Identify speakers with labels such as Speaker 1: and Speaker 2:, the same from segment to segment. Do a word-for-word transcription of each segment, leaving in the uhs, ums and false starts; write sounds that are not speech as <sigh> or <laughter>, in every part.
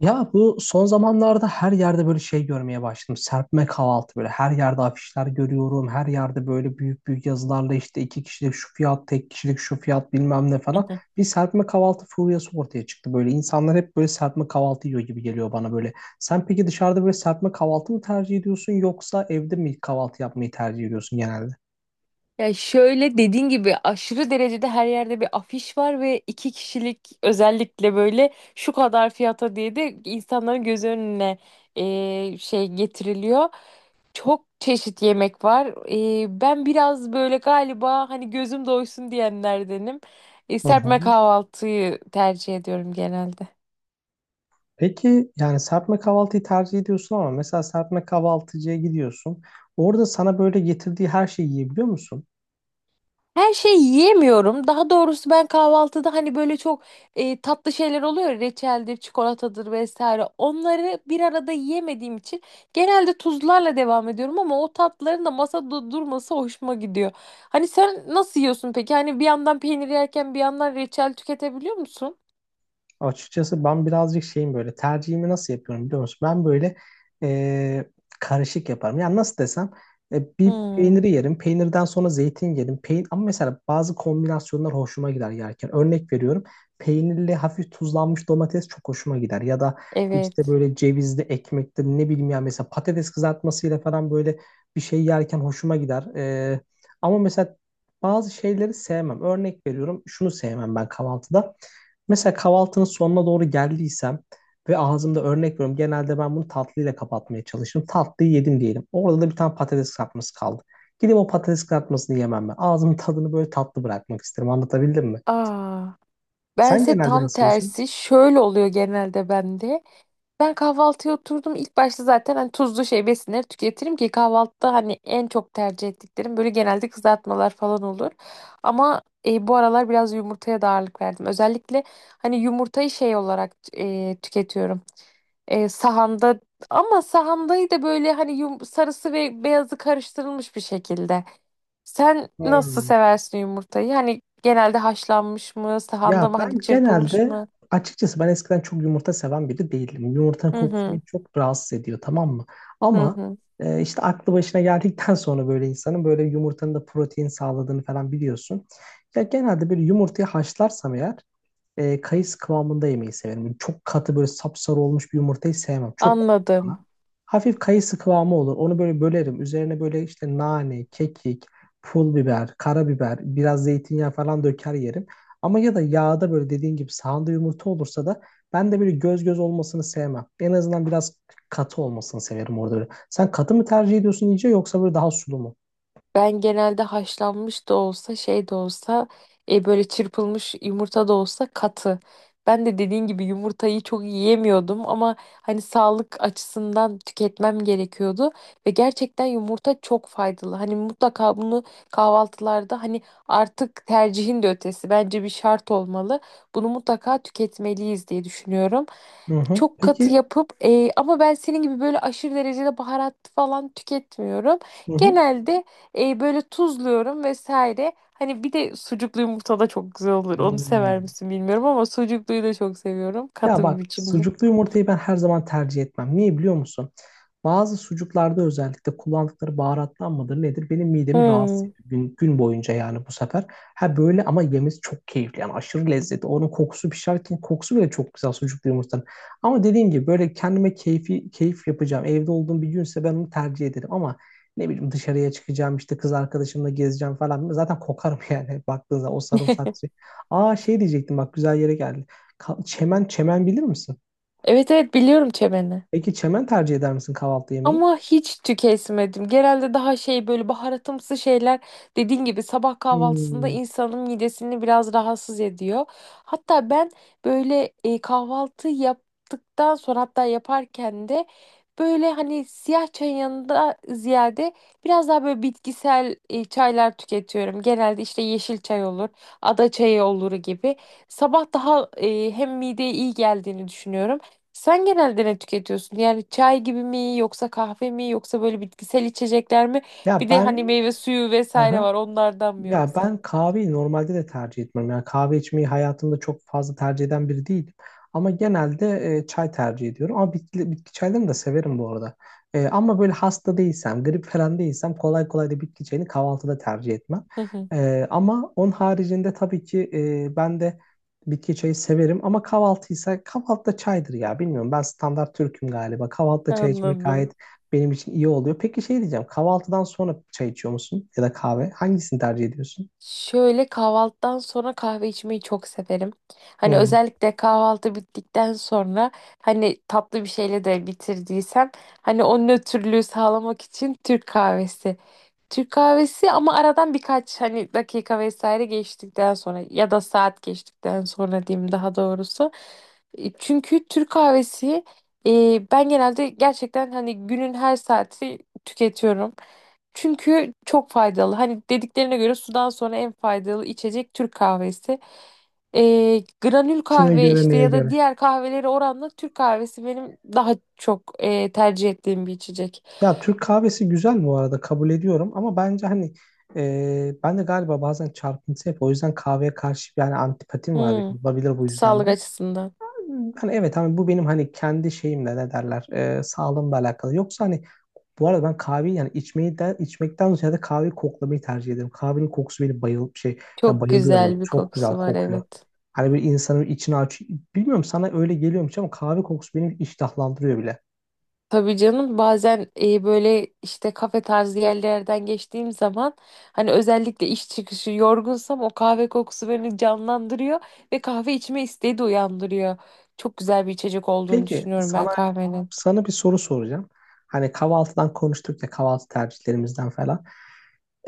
Speaker 1: Ya bu son zamanlarda her yerde böyle şey görmeye başladım. Serpme kahvaltı böyle her yerde afişler görüyorum. Her yerde böyle büyük büyük yazılarla işte iki kişilik şu fiyat, tek kişilik şu fiyat bilmem ne
Speaker 2: Hı
Speaker 1: falan.
Speaker 2: hı.
Speaker 1: Bir serpme kahvaltı furyası ortaya çıktı böyle. İnsanlar hep böyle serpme kahvaltı yiyor gibi geliyor bana böyle. Sen peki dışarıda böyle serpme kahvaltı mı tercih ediyorsun yoksa evde mi kahvaltı yapmayı tercih ediyorsun genelde?
Speaker 2: Ya şöyle dediğin gibi aşırı derecede her yerde bir afiş var ve iki kişilik özellikle böyle şu kadar fiyata diye de insanların göz önüne e, şey getiriliyor. Çok çeşit yemek var. E, ben biraz böyle galiba hani gözüm doysun diyenlerdenim. E,
Speaker 1: Hı
Speaker 2: serpme
Speaker 1: hı.
Speaker 2: kahvaltıyı tercih ediyorum genelde.
Speaker 1: Peki yani serpme kahvaltıyı tercih ediyorsun ama mesela serpme kahvaltıcıya gidiyorsun. Orada sana böyle getirdiği her şeyi yiyebiliyor musun?
Speaker 2: Her şeyi yiyemiyorum. Daha doğrusu ben kahvaltıda hani böyle çok e, tatlı şeyler oluyor. Ya, reçeldir, çikolatadır vesaire. Onları bir arada yiyemediğim için genelde tuzlarla devam ediyorum ama o tatlıların da masada durması hoşuma gidiyor. Hani sen nasıl yiyorsun peki? Hani bir yandan peynir yerken bir yandan reçel tüketebiliyor musun?
Speaker 1: Açıkçası ben birazcık şeyim böyle tercihimi nasıl yapıyorum biliyor musun? Ben böyle e, karışık yaparım. Yani nasıl desem e, bir
Speaker 2: Hmm,
Speaker 1: peyniri yerim. Peynirden sonra zeytin yerim. Peyn ama mesela bazı kombinasyonlar hoşuma gider yerken. Örnek veriyorum. Peynirli hafif tuzlanmış domates çok hoşuma gider. Ya da işte
Speaker 2: evet.
Speaker 1: böyle cevizli ekmektir ne bileyim ya mesela patates kızartmasıyla falan böyle bir şey yerken hoşuma gider. E, ama mesela bazı şeyleri sevmem. Örnek veriyorum şunu sevmem ben kahvaltıda. Mesela kahvaltının sonuna doğru geldiysem ve ağzımda örnek veriyorum. Genelde ben bunu tatlıyla kapatmaya çalışırım. Tatlıyı yedim diyelim. Orada da bir tane patates kızartması kaldı. Gidip o patates kızartmasını yemem ben. Ağzımın tadını böyle tatlı bırakmak isterim. Anlatabildim mi?
Speaker 2: Aa,
Speaker 1: Sen
Speaker 2: bense
Speaker 1: genelde
Speaker 2: tam
Speaker 1: nasıl yiyorsun?
Speaker 2: tersi şöyle oluyor genelde bende. Ben kahvaltıya oturdum. İlk başta zaten hani tuzlu şey besinleri tüketirim ki kahvaltıda hani en çok tercih ettiklerim böyle genelde kızartmalar falan olur. Ama e, bu aralar biraz yumurtaya da ağırlık verdim. Özellikle hani yumurtayı şey olarak e, tüketiyorum. E, sahanda ama sahandayı da böyle hani yum- sarısı ve beyazı karıştırılmış bir şekilde. Sen nasıl
Speaker 1: Hmm.
Speaker 2: seversin yumurtayı? Hani genelde haşlanmış mı, sahanda
Speaker 1: Ya
Speaker 2: mı hani
Speaker 1: ben
Speaker 2: çırpılmış
Speaker 1: genelde
Speaker 2: mı?
Speaker 1: açıkçası ben eskiden çok yumurta seven biri değildim. Yumurtanın
Speaker 2: Hı
Speaker 1: kokusu
Speaker 2: hı
Speaker 1: beni çok rahatsız ediyor, tamam mı?
Speaker 2: hı
Speaker 1: Ama
Speaker 2: hı.
Speaker 1: e, işte aklı başına geldikten <laughs> sonra böyle insanın böyle yumurtanın da protein sağladığını falan biliyorsun. Ya genelde bir yumurtayı haşlarsam eğer e, kayısı kıvamında yemeyi severim. Çok katı böyle sapsarı olmuş bir yumurtayı sevmem. Çok kokuyor
Speaker 2: Anladım.
Speaker 1: bana. Hafif kayısı kıvamı olur. Onu böyle bölerim. Üzerine böyle işte nane, kekik, pul biber, karabiber, biraz zeytinyağı falan döker yerim. Ama ya da yağda böyle dediğin gibi sahanda yumurta olursa da ben de böyle göz göz olmasını sevmem. En azından biraz katı olmasını severim orada böyle. Sen katı mı tercih ediyorsun iyice yoksa böyle daha sulu mu?
Speaker 2: Ben genelde haşlanmış da olsa şey de olsa e, böyle çırpılmış yumurta da olsa katı. Ben de dediğin gibi yumurtayı çok yiyemiyordum ama hani sağlık açısından tüketmem gerekiyordu ve gerçekten yumurta çok faydalı. Hani mutlaka bunu kahvaltılarda hani artık tercihin de ötesi bence bir şart olmalı. Bunu mutlaka tüketmeliyiz diye düşünüyorum,
Speaker 1: Hı hı.
Speaker 2: çok katı
Speaker 1: Peki.
Speaker 2: yapıp e, ama ben senin gibi böyle aşırı derecede baharat falan tüketmiyorum.
Speaker 1: Hı hı.
Speaker 2: Genelde e, böyle tuzluyorum vesaire. Hani bir de sucuklu yumurta da çok güzel olur. Onu sever
Speaker 1: Hmm.
Speaker 2: misin bilmiyorum ama sucukluyu da çok seviyorum.
Speaker 1: Ya
Speaker 2: Katı bir
Speaker 1: bak
Speaker 2: biçimde.
Speaker 1: sucuklu yumurtayı ben her zaman tercih etmem. Niye biliyor musun? Bazı sucuklarda özellikle kullandıkları baharatlar mıdır nedir benim midemi rahatsız
Speaker 2: Hmm.
Speaker 1: ediyor. Gün, gün boyunca yani bu sefer. Ha böyle ama yemesi çok keyifli yani aşırı lezzetli. Onun kokusu pişerken kokusu bile çok güzel sucuklu yumurtanın. Ama dediğim gibi böyle kendime keyfi, keyif yapacağım. Evde olduğum bir günse ben onu tercih ederim ama ne bileyim dışarıya çıkacağım işte kız arkadaşımla gezeceğim falan. Zaten kokarım <laughs> yani baktığınızda o sarımsak suyu.
Speaker 2: <laughs>
Speaker 1: Aa şey diyecektim bak güzel yere geldi. Ka- Çemen, çemen bilir misin?
Speaker 2: Evet evet biliyorum çemeni.
Speaker 1: Peki çemen tercih eder misin kahvaltı yemeği?
Speaker 2: Ama hiç tüketmedim. Genelde daha şey böyle baharatımsı şeyler dediğin gibi sabah kahvaltısında
Speaker 1: Hmm.
Speaker 2: insanın midesini biraz rahatsız ediyor. Hatta ben böyle e, kahvaltı yaptıktan sonra hatta yaparken de böyle hani siyah çayın yanında ziyade biraz daha böyle bitkisel e, çaylar tüketiyorum. Genelde işte yeşil çay olur, ada çayı olur gibi. Sabah daha e, hem mideye iyi geldiğini düşünüyorum. Sen genelde ne tüketiyorsun? Yani çay gibi mi yoksa kahve mi yoksa böyle bitkisel içecekler mi?
Speaker 1: Ya
Speaker 2: Bir de
Speaker 1: ben
Speaker 2: hani meyve suyu vesaire
Speaker 1: aha,
Speaker 2: var onlardan mı
Speaker 1: ya
Speaker 2: yoksa?
Speaker 1: ben kahveyi normalde de tercih etmem. Yani kahve içmeyi hayatımda çok fazla tercih eden biri değilim. Ama genelde e, çay tercih ediyorum. Ama bitki, bitki çaylarını da severim bu arada. E, ama böyle hasta değilsem, grip falan değilsem kolay kolay da bitki çayını kahvaltıda tercih etmem.
Speaker 2: Hı hı,
Speaker 1: E, ama onun haricinde tabii ki e, ben de bitki çayı severim. Ama kahvaltıysa kahvaltıda çaydır ya. Bilmiyorum ben standart Türk'üm galiba. Kahvaltıda çay içmek gayet
Speaker 2: anladım.
Speaker 1: benim için iyi oluyor. Peki şey diyeceğim. Kahvaltıdan sonra çay içiyor musun? Ya da kahve? Hangisini tercih ediyorsun?
Speaker 2: Şöyle, kahvaltıdan sonra kahve içmeyi çok severim. Hani
Speaker 1: Hmm.
Speaker 2: özellikle kahvaltı bittikten sonra hani tatlı bir şeyle de bitirdiysem hani o nötrlüğü sağlamak için Türk kahvesi. Türk kahvesi ama aradan birkaç hani dakika vesaire geçtikten sonra ya da saat geçtikten sonra diyeyim daha doğrusu. E, çünkü Türk kahvesi e, ben genelde gerçekten hani günün her saati tüketiyorum. Çünkü çok faydalı. Hani dediklerine göre sudan sonra en faydalı içecek Türk kahvesi. E, granül
Speaker 1: Kime
Speaker 2: kahve
Speaker 1: göre,
Speaker 2: işte
Speaker 1: neye
Speaker 2: ya da
Speaker 1: göre?
Speaker 2: diğer kahveleri oranla Türk kahvesi benim daha çok e, tercih ettiğim bir içecek.
Speaker 1: Ya Türk kahvesi güzel bu arada kabul ediyorum ama bence hani e, ben de galiba bazen çarpıntı yapıyorum. O yüzden kahveye karşı yani antipatim var
Speaker 2: Hmm,
Speaker 1: benim. Olabilir bu yüzden
Speaker 2: sağlık
Speaker 1: de.
Speaker 2: açısından.
Speaker 1: Hani evet hani bu benim hani kendi şeyimle ne derler e, sağlığımla alakalı. Yoksa hani bu arada ben kahveyi yani içmeyi de, içmekten ziyade kahveyi koklamayı tercih ederim. Kahvenin kokusu beni bayıl şey ya
Speaker 2: Çok
Speaker 1: bayılıyorum. Ben
Speaker 2: güzel bir
Speaker 1: çok güzel
Speaker 2: kokusu var,
Speaker 1: kokuyor.
Speaker 2: evet.
Speaker 1: Hani bir insanın içini aç. Bilmiyorum sana öyle geliyormuş ama kahve kokusu beni iştahlandırıyor bile.
Speaker 2: Tabii canım, bazen e, böyle işte kafe tarzı yerlerden geçtiğim zaman hani özellikle iş çıkışı yorgunsam o kahve kokusu beni canlandırıyor ve kahve içme isteği de uyandırıyor. Çok güzel bir içecek olduğunu
Speaker 1: Peki
Speaker 2: düşünüyorum
Speaker 1: sana
Speaker 2: ben kahvenin.
Speaker 1: Sana bir soru soracağım. Hani kahvaltıdan konuştuk ya kahvaltı tercihlerimizden falan.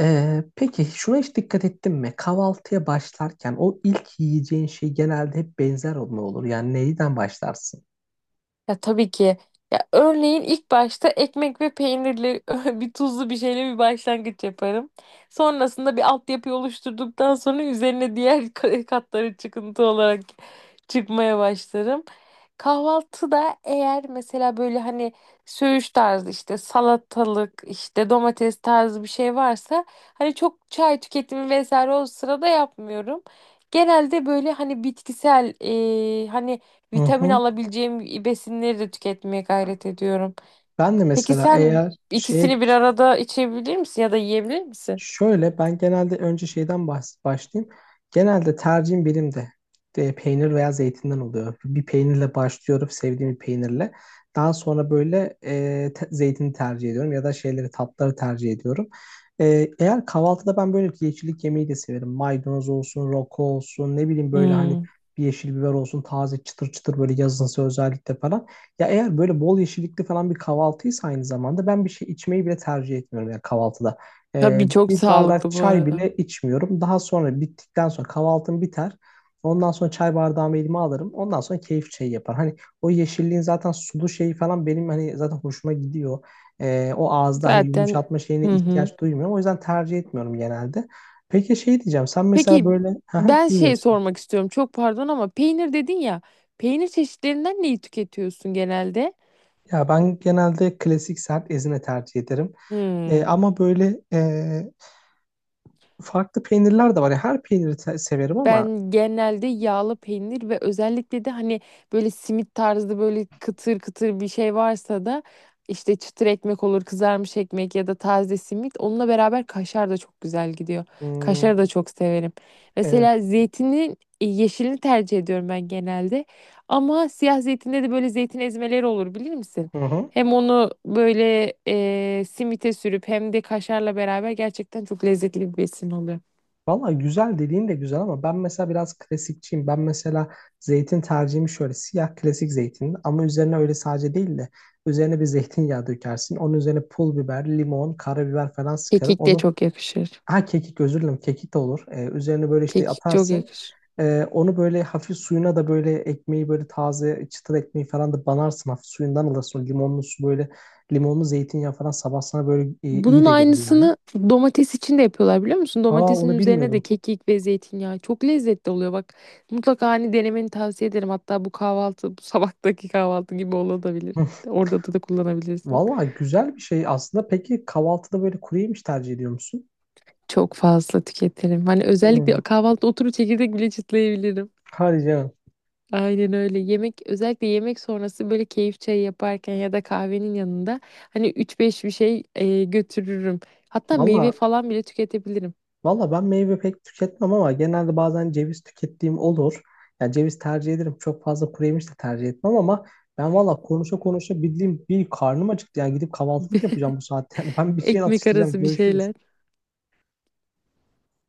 Speaker 1: Ee, peki şuna hiç dikkat ettin mi? Kahvaltıya başlarken o ilk yiyeceğin şey genelde hep benzer olma olur. Yani neyden başlarsın?
Speaker 2: Ya, tabii ki. Ya örneğin ilk başta ekmek ve peynirli <laughs> bir tuzlu bir şeyle bir başlangıç yaparım. Sonrasında bir altyapı oluşturduktan sonra üzerine diğer <laughs> ka- katları çıkıntı olarak çıkmaya başlarım. Kahvaltıda eğer mesela böyle hani söğüş tarzı işte salatalık işte domates tarzı bir şey varsa hani çok çay tüketimi vesaire o sırada yapmıyorum. Genelde böyle hani bitkisel e, hani
Speaker 1: Hı
Speaker 2: vitamin
Speaker 1: hı.
Speaker 2: alabileceğim besinleri de tüketmeye gayret ediyorum.
Speaker 1: Ben de
Speaker 2: Peki
Speaker 1: mesela
Speaker 2: sen
Speaker 1: eğer şeye
Speaker 2: ikisini bir arada içebilir misin ya da yiyebilir misin?
Speaker 1: şöyle ben genelde önce şeyden bahs- başlayayım. Genelde tercihim benim de e, peynir veya zeytinden oluyor. Bir peynirle başlıyorum, sevdiğim bir peynirle. Daha sonra böyle e, te- zeytini tercih ediyorum ya da şeyleri tatları tercih ediyorum. E, eğer kahvaltıda ben böyle bir yeşillik yemeği de severim. Maydanoz olsun, roko olsun, ne bileyim böyle hani
Speaker 2: Hmm.
Speaker 1: bir yeşil biber olsun, taze çıtır çıtır böyle yazınsa özellikle falan. Ya eğer böyle bol yeşillikli falan bir kahvaltıysa aynı zamanda ben bir şey içmeyi bile tercih etmiyorum ya kahvaltıda. Ee,
Speaker 2: Tabii, çok
Speaker 1: bir bardak
Speaker 2: sağlıklı bu
Speaker 1: çay
Speaker 2: arada.
Speaker 1: bile içmiyorum. Daha sonra bittikten sonra kahvaltım biter. Ondan sonra çay bardağımı elime alırım. Ondan sonra keyif çayı yapar. Hani o yeşilliğin zaten sulu şeyi falan benim hani zaten hoşuma gidiyor. Ee, o ağızda hani
Speaker 2: Zaten
Speaker 1: yumuşatma şeyine
Speaker 2: hı hı.
Speaker 1: ihtiyaç duymuyorum. O yüzden tercih etmiyorum genelde. Peki şey diyeceğim. Sen mesela
Speaker 2: Peki,
Speaker 1: böyle... <laughs> Haha,
Speaker 2: ben
Speaker 1: dinliyorum
Speaker 2: şey
Speaker 1: seni.
Speaker 2: sormak istiyorum. Çok pardon ama peynir dedin ya. Peynir çeşitlerinden neyi tüketiyorsun genelde?
Speaker 1: Ya ben genelde klasik sert ezine tercih ederim. Ee,
Speaker 2: Hmm.
Speaker 1: ama böyle e, farklı peynirler de var. Yani her peyniri te- severim
Speaker 2: Ben
Speaker 1: ama...
Speaker 2: genelde yağlı peynir ve özellikle de hani böyle simit tarzı böyle kıtır kıtır bir şey varsa da işte çıtır ekmek olur, kızarmış ekmek ya da taze simit. Onunla beraber kaşar da çok güzel gidiyor.
Speaker 1: Hmm,
Speaker 2: Kaşarı da çok severim. Mesela
Speaker 1: evet.
Speaker 2: zeytinin e, yeşilini tercih ediyorum ben genelde. Ama siyah zeytinde de böyle zeytin ezmeleri olur, bilir misin?
Speaker 1: Hı hı.
Speaker 2: Hem onu böyle e, simite sürüp hem de kaşarla beraber gerçekten çok lezzetli bir besin oluyor.
Speaker 1: Valla güzel dediğin de güzel ama ben mesela biraz klasikçiyim. Ben mesela zeytin tercihimi şöyle siyah klasik zeytin ama üzerine öyle sadece değil de üzerine bir zeytinyağı dökersin. Onun üzerine pul biber, limon, karabiber falan sıkarım.
Speaker 2: Kekik de
Speaker 1: Onu
Speaker 2: çok yakışır.
Speaker 1: ha kekik, özür dilerim, kekik de olur. Ee, üzerine böyle işte
Speaker 2: Kekik çok
Speaker 1: atarsın.
Speaker 2: yakışır.
Speaker 1: Ee, onu böyle hafif suyuna da böyle ekmeği böyle taze çıtır ekmeği falan da banarsın. Hafif suyundan alırsın. O limonlu su böyle limonlu zeytinyağı falan sabah sana böyle e, iyi
Speaker 2: Bunun
Speaker 1: de gelir yani.
Speaker 2: aynısını domates için de yapıyorlar, biliyor musun?
Speaker 1: Aa
Speaker 2: Domatesin
Speaker 1: onu
Speaker 2: üzerine de
Speaker 1: bilmiyordum.
Speaker 2: kekik ve zeytinyağı. Çok lezzetli oluyor bak. Mutlaka hani denemeni tavsiye ederim. Hatta bu kahvaltı, bu sabahtaki kahvaltı gibi olabilir.
Speaker 1: <laughs>
Speaker 2: Orada da, da kullanabilirsin.
Speaker 1: Valla güzel bir şey aslında. Peki kahvaltıda böyle kuru yemiş tercih ediyor musun?
Speaker 2: Çok fazla tüketirim. Hani
Speaker 1: Hmm.
Speaker 2: özellikle kahvaltı oturup çekirdek bile çıtlayabilirim.
Speaker 1: Hadi canım.
Speaker 2: Aynen öyle. Yemek özellikle yemek sonrası böyle keyif çayı yaparken ya da kahvenin yanında hani üç beş bir şey e, götürürüm. Hatta meyve
Speaker 1: Valla
Speaker 2: falan bile tüketebilirim.
Speaker 1: valla ben meyve pek tüketmem ama genelde bazen ceviz tükettiğim olur. Yani ceviz tercih ederim. Çok fazla kuru yemiş de tercih etmem ama ben valla konuşa konuşa bildiğim bir karnım acıktı. Yani gidip kahvaltılık yapacağım bu saatte. <laughs> Yani ben bir şey
Speaker 2: Ekmek
Speaker 1: atıştıracağım.
Speaker 2: arası bir şeyler.
Speaker 1: Görüşürüz.